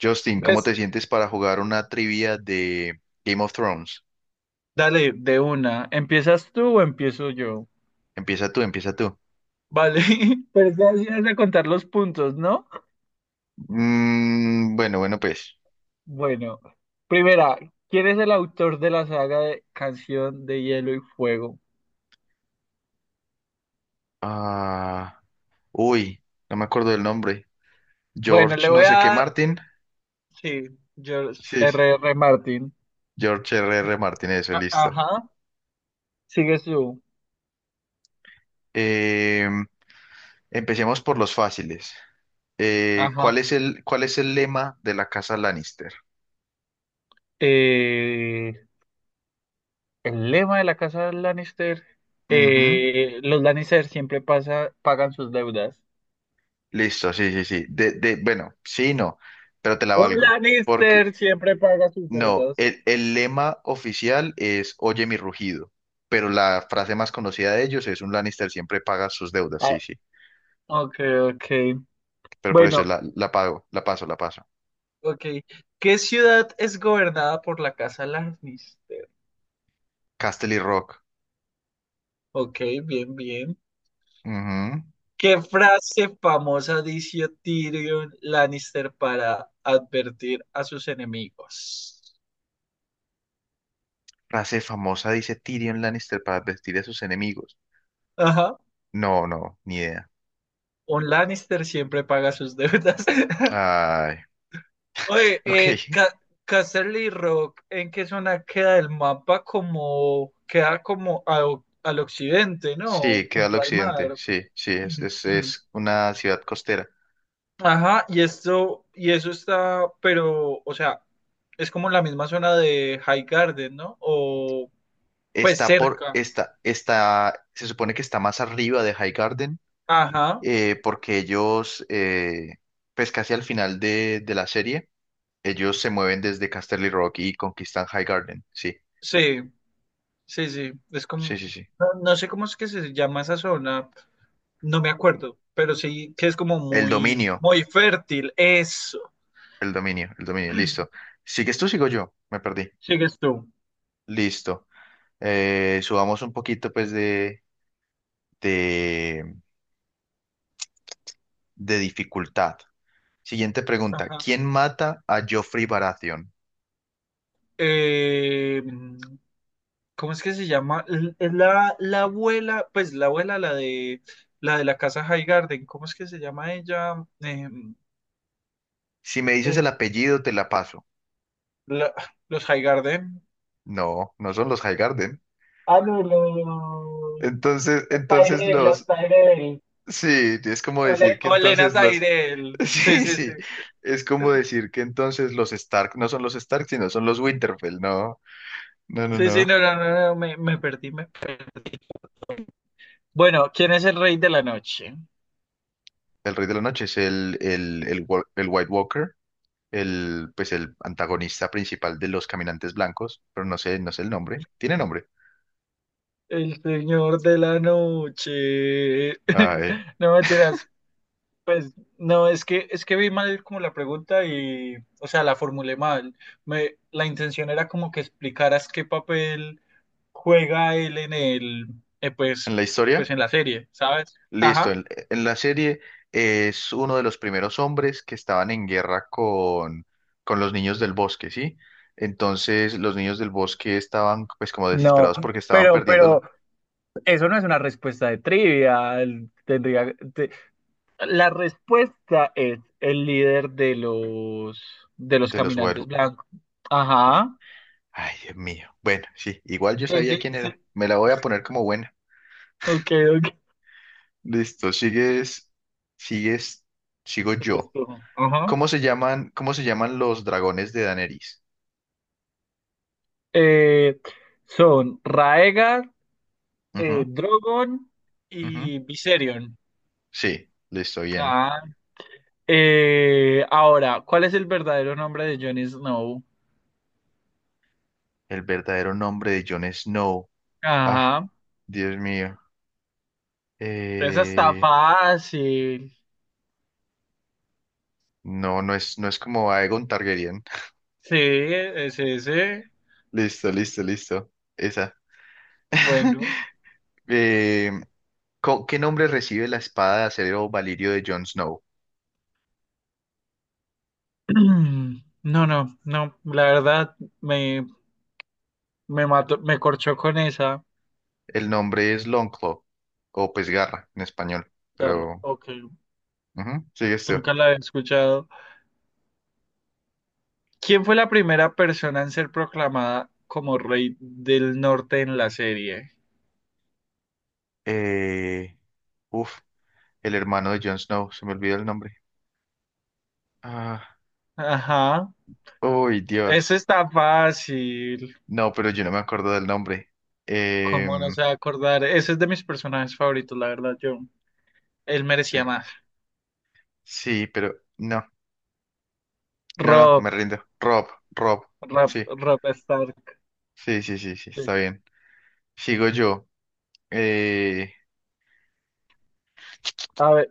Justin, ¿cómo ¿Ves? te sientes para jugar una trivia de Game of Thrones? Dale, de una. ¿Empiezas tú o empiezo yo? Empieza tú, empieza tú. Vale, pues ya ibas a contar los puntos, ¿no? Bueno, bueno, pues. Bueno, primera, ¿quién es el autor de la saga de Canción de Hielo y Fuego? Ah, uy, no me acuerdo del nombre. Bueno, le George, voy no a sé qué, dar, Martin. sí, George Sí, sí, R R Martin. George R. R. Martin, eso, listo. Ajá, sigues tú. Eh, empecemos por los fáciles. Ajá. ¿Cuál es el lema de la casa Lannister? Eh, el lema de la casa de Lannister. Ujú. Los Lannister siempre pasa, pagan sus deudas. Listo, sí, sí, sí. Bueno, sí, y no, pero te la Un valgo. Porque Lannister siempre paga sus no, deudas. El lema oficial es Oye mi rugido, pero la frase más conocida de ellos es un Lannister siempre paga sus deudas, Ah, sí, sí, ok, ok. pero por eso Bueno, la pago, la paso. ok. ¿Qué ciudad es gobernada por la Casa Lannister? Casterly Rock, Ok, bien, bien. ujú. ¿Qué frase famosa dice Tyrion Lannister para advertir a sus enemigos? Frase famosa dice Tyrion Lannister para advertir a sus enemigos. Ajá. No, no, ni idea. Un Lannister siempre paga sus deudas. Ay, Oye, ok, Casterly Rock, ¿en qué zona queda el mapa? Como queda al occidente, sí, ¿no? queda al Junto al occidente, mar. sí, sí, es una ciudad costera. Ajá, y eso está, pero, o sea, es como la misma zona de High Garden, ¿no? O pues cerca. Está, se supone que está más arriba de Highgarden, Ajá, porque ellos, pues casi al final de la serie, ellos se mueven desde Casterly Rock y conquistan High Garden. Sí, sí, sí, sí. Es como, sí, sí, sí. no, no sé cómo es que se llama esa zona, no me acuerdo, pero sí que es como El muy, dominio, muy fértil. Eso. El dominio, listo. ¿Sigues tú, sigo yo? Me perdí. Sigues tú. Listo. Subamos un poquito, pues, de, de dificultad. Siguiente pregunta. Ajá. ¿Quién mata a Joffrey Baratheon? Eh, ¿Cómo es que se llama? Es la abuela, pues la abuela, la de la casa High Garden, ¿cómo es que se llama ella? Si me dices el el- apellido, te la paso. La- los Highgarden. No, no son los High Garden. Ah, no, Entonces, los entonces Tyrell, los los... Tyrell. Sí, es como decir Ole. que Olena entonces los... Tyrell. Sí, Sí, sí, sí, sí. es como decir que entonces los Stark no son los Stark, sino son los Winterfell, no, no, no, Sí, sí, no. no, no, no, no, me perdí. Bueno, ¿quién es el rey de la noche? El Rey de la Noche es el White Walker, el, pues el antagonista principal de los Caminantes Blancos, pero no sé, no sé el nombre. ¿Tiene nombre? El señor de la noche. Ay, No, mentiras. Pues no, es que vi mal como la pregunta y, o sea, la formulé mal. La intención era como que explicaras qué papel juega él en eh, pues, en la pues historia. en la serie, ¿sabes? Listo, Ajá. En la serie es uno de los primeros hombres que estaban en guerra con los niños del bosque, ¿sí? Entonces los niños del bosque estaban pues como No, desesperados porque estaban perdiendo pero la- eso no es una respuesta de trivia. Tendría, la respuesta es el líder de los de los caminantes Wild... blancos. Bueno, Ajá. ay, Dios mío. Bueno, sí, igual yo sabía sí, quién era. sí. Me la voy a poner como buena. Ok, ok. Listo, sigues, sigo Sigues yo. tú. Ajá. Cómo se llaman los dragones de Daenerys? Eh, son Raegar, Ujú, Drogon. ujú. Y Viserion. Sí, listo, bien. Ah, eh, ahora, ¿cuál es el verdadero nombre de Jon Snow? El verdadero nombre de Jon Snow. Ah, Ajá, Dios mío. esa está Eh, fácil. no, no es, no es como Aegon Targaryen. Sí, es ese. Listo, listo, listo. Esa. Bueno. Eh, ¿qué nombre recibe la espada de acero Valirio de Jon Snow? No, no, no, la verdad me mató, me corchó con esa. El nombre es Longclaw, o pues garra en español, pero Ok, ujú, sigue esto. nunca la había escuchado. ¿Quién fue la primera persona en ser proclamada como rey del norte en la serie? Eh, uf, el hermano de Jon Snow, se me olvidó el nombre. Ah, Ajá, uy, eso Dios. está fácil. No, pero yo no me acuerdo del nombre. ¿Cómo no Em, se va a acordar? Ese es de mis personajes favoritos, la verdad, yo. Él merecía más. eh, sí, pero no. No, no, me Rob, rindo. Rob, Rob. Rob, Sí, Rob Stark. sí, sí, sí, sí, Sí. está bien. Sigo yo. Eh, A ver,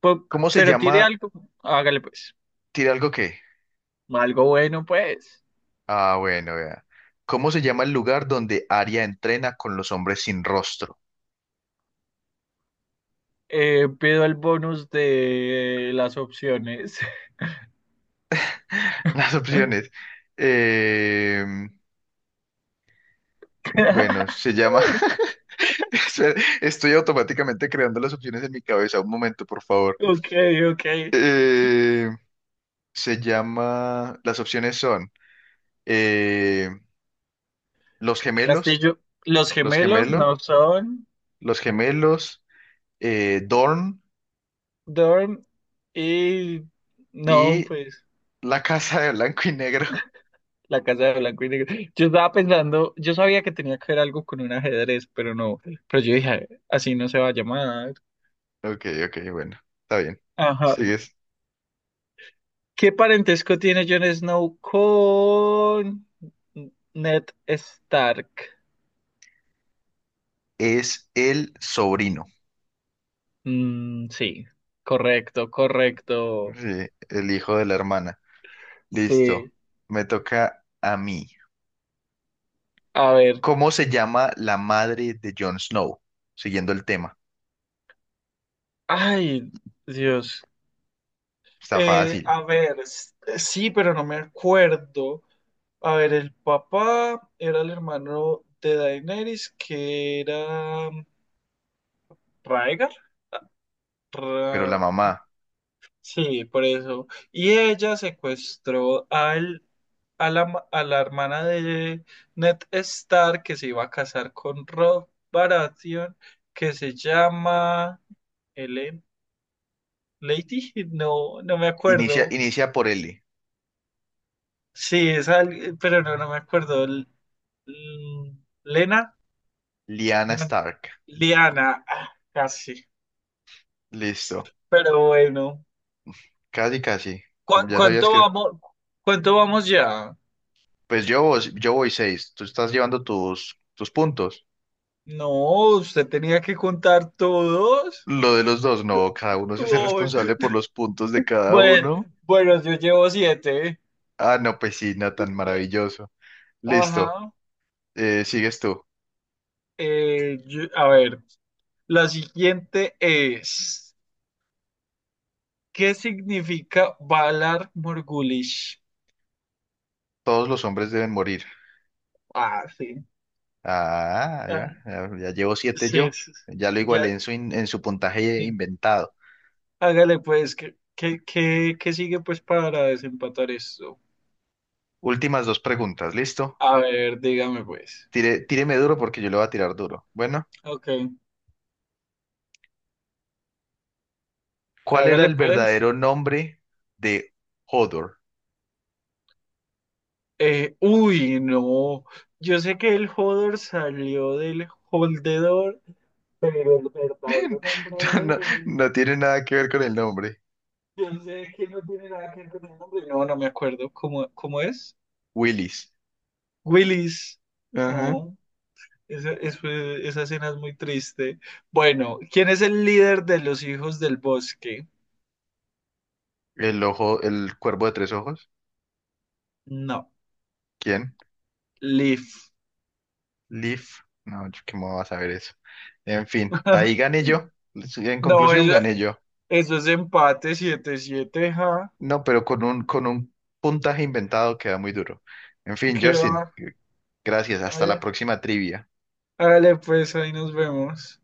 ¿Cómo se pero tire llama? algo. Hágale pues. ¿Tira algo qué? Algo bueno, pues. Ah, bueno, vea. ¿Cómo se llama el lugar donde Aria entrena con los hombres sin rostro? Pido el bonus de las opciones. Las opciones. Eh, bueno, se llama. Espera, estoy automáticamente creando las opciones en mi cabeza. Un momento, por favor. Ok, ok. Eh, se llama. Las opciones son eh, los gemelos, Castillo. Los los gemelos gemelos. no son Los Gemelos, Dorn Dorm y... No, y pues. La Casa de Blanco y Negro. La casa de blanco y negro. Yo estaba pensando, yo sabía que tenía que ver algo con un ajedrez, pero no. Pero yo dije, así no se va a llamar. Ok, ok, bueno, está bien. Ajá. Sigues. ¿Qué parentesco tiene Jon Snow con Ned Stark? Es el sobrino, Mm, sí, correcto, correcto. sí, el hijo de la hermana. Listo, Sí. me toca a mí. A ver. ¿Cómo se llama la madre de Jon Snow? Siguiendo el tema. Ay, Dios. Está fácil, A ver, sí, pero no me acuerdo. A ver, el papá era el hermano de Daenerys, que era Rhaegar. pero la Ra- mm, mamá. Sí, por eso. Y ella secuestró al, a a la hermana de Ned Stark, que se iba a casar con Rob Baratheon, que se llama Ellen Lady. No, no me acuerdo. Inicia por L. Sí, pero no, no me acuerdo. L- Lena, Lyanna no, no. Stark. Liana. Ah, casi. Listo, Pero bueno, casi, casi. ¿Cu- Ya sabías cuánto que... vamos, ¿cuánto vamos ya? Pues yo, yo voy seis. Tú estás llevando tus puntos. No, usted tenía que contar todos. Lo de los dos, no, cada uno se hace Uy, responsable por los puntos de cada bueno, uno. bueno, yo llevo 7. Ah, no, pues sí, no, tan maravilloso. Listo, Ajá. Sigues tú. A ver, la siguiente es, ¿qué significa Valar Morgulis? Todos los hombres deben morir. Ah, sí. Ah, ahí va, Ah, ya llevo siete sí, yo. sí, sí. Ya lo Ya, igualé en su, en su puntaje sí. inventado. Hágale pues, ¿qué sigue pues para desempatar esto? Últimas dos preguntas, ¿listo? A ver, dígame pues. Tíreme duro porque yo le voy a tirar duro. Bueno, Ok. ¿cuál era Hágale el pues. verdadero nombre de Hodor? Uy, no. Yo sé que el Hodor salió del Holdedor, pero el verdadero nombre No, no de él, no tiene nada que ver con el nombre. yo sé que no tiene nada que ver con el nombre. No, no me acuerdo. ¿Cómo es? Willis. Willis. Ajá. Oh, esa, esa escena es muy triste. Bueno, ¿quién es el líder de los hijos del bosque? El ojo, el cuervo de tres ojos. No, ¿Quién? Leaf. Leaf. No, yo ¿cómo vas a ver eso? En fin, ahí gané yo. Sí, en No, conclusión, eso, gané yo. eso es empate 7-7, ja. No, pero con un puntaje inventado queda muy duro. En fin, Justin, Queda gracias. Hasta la próxima trivia. hágale pues, ahí nos vemos.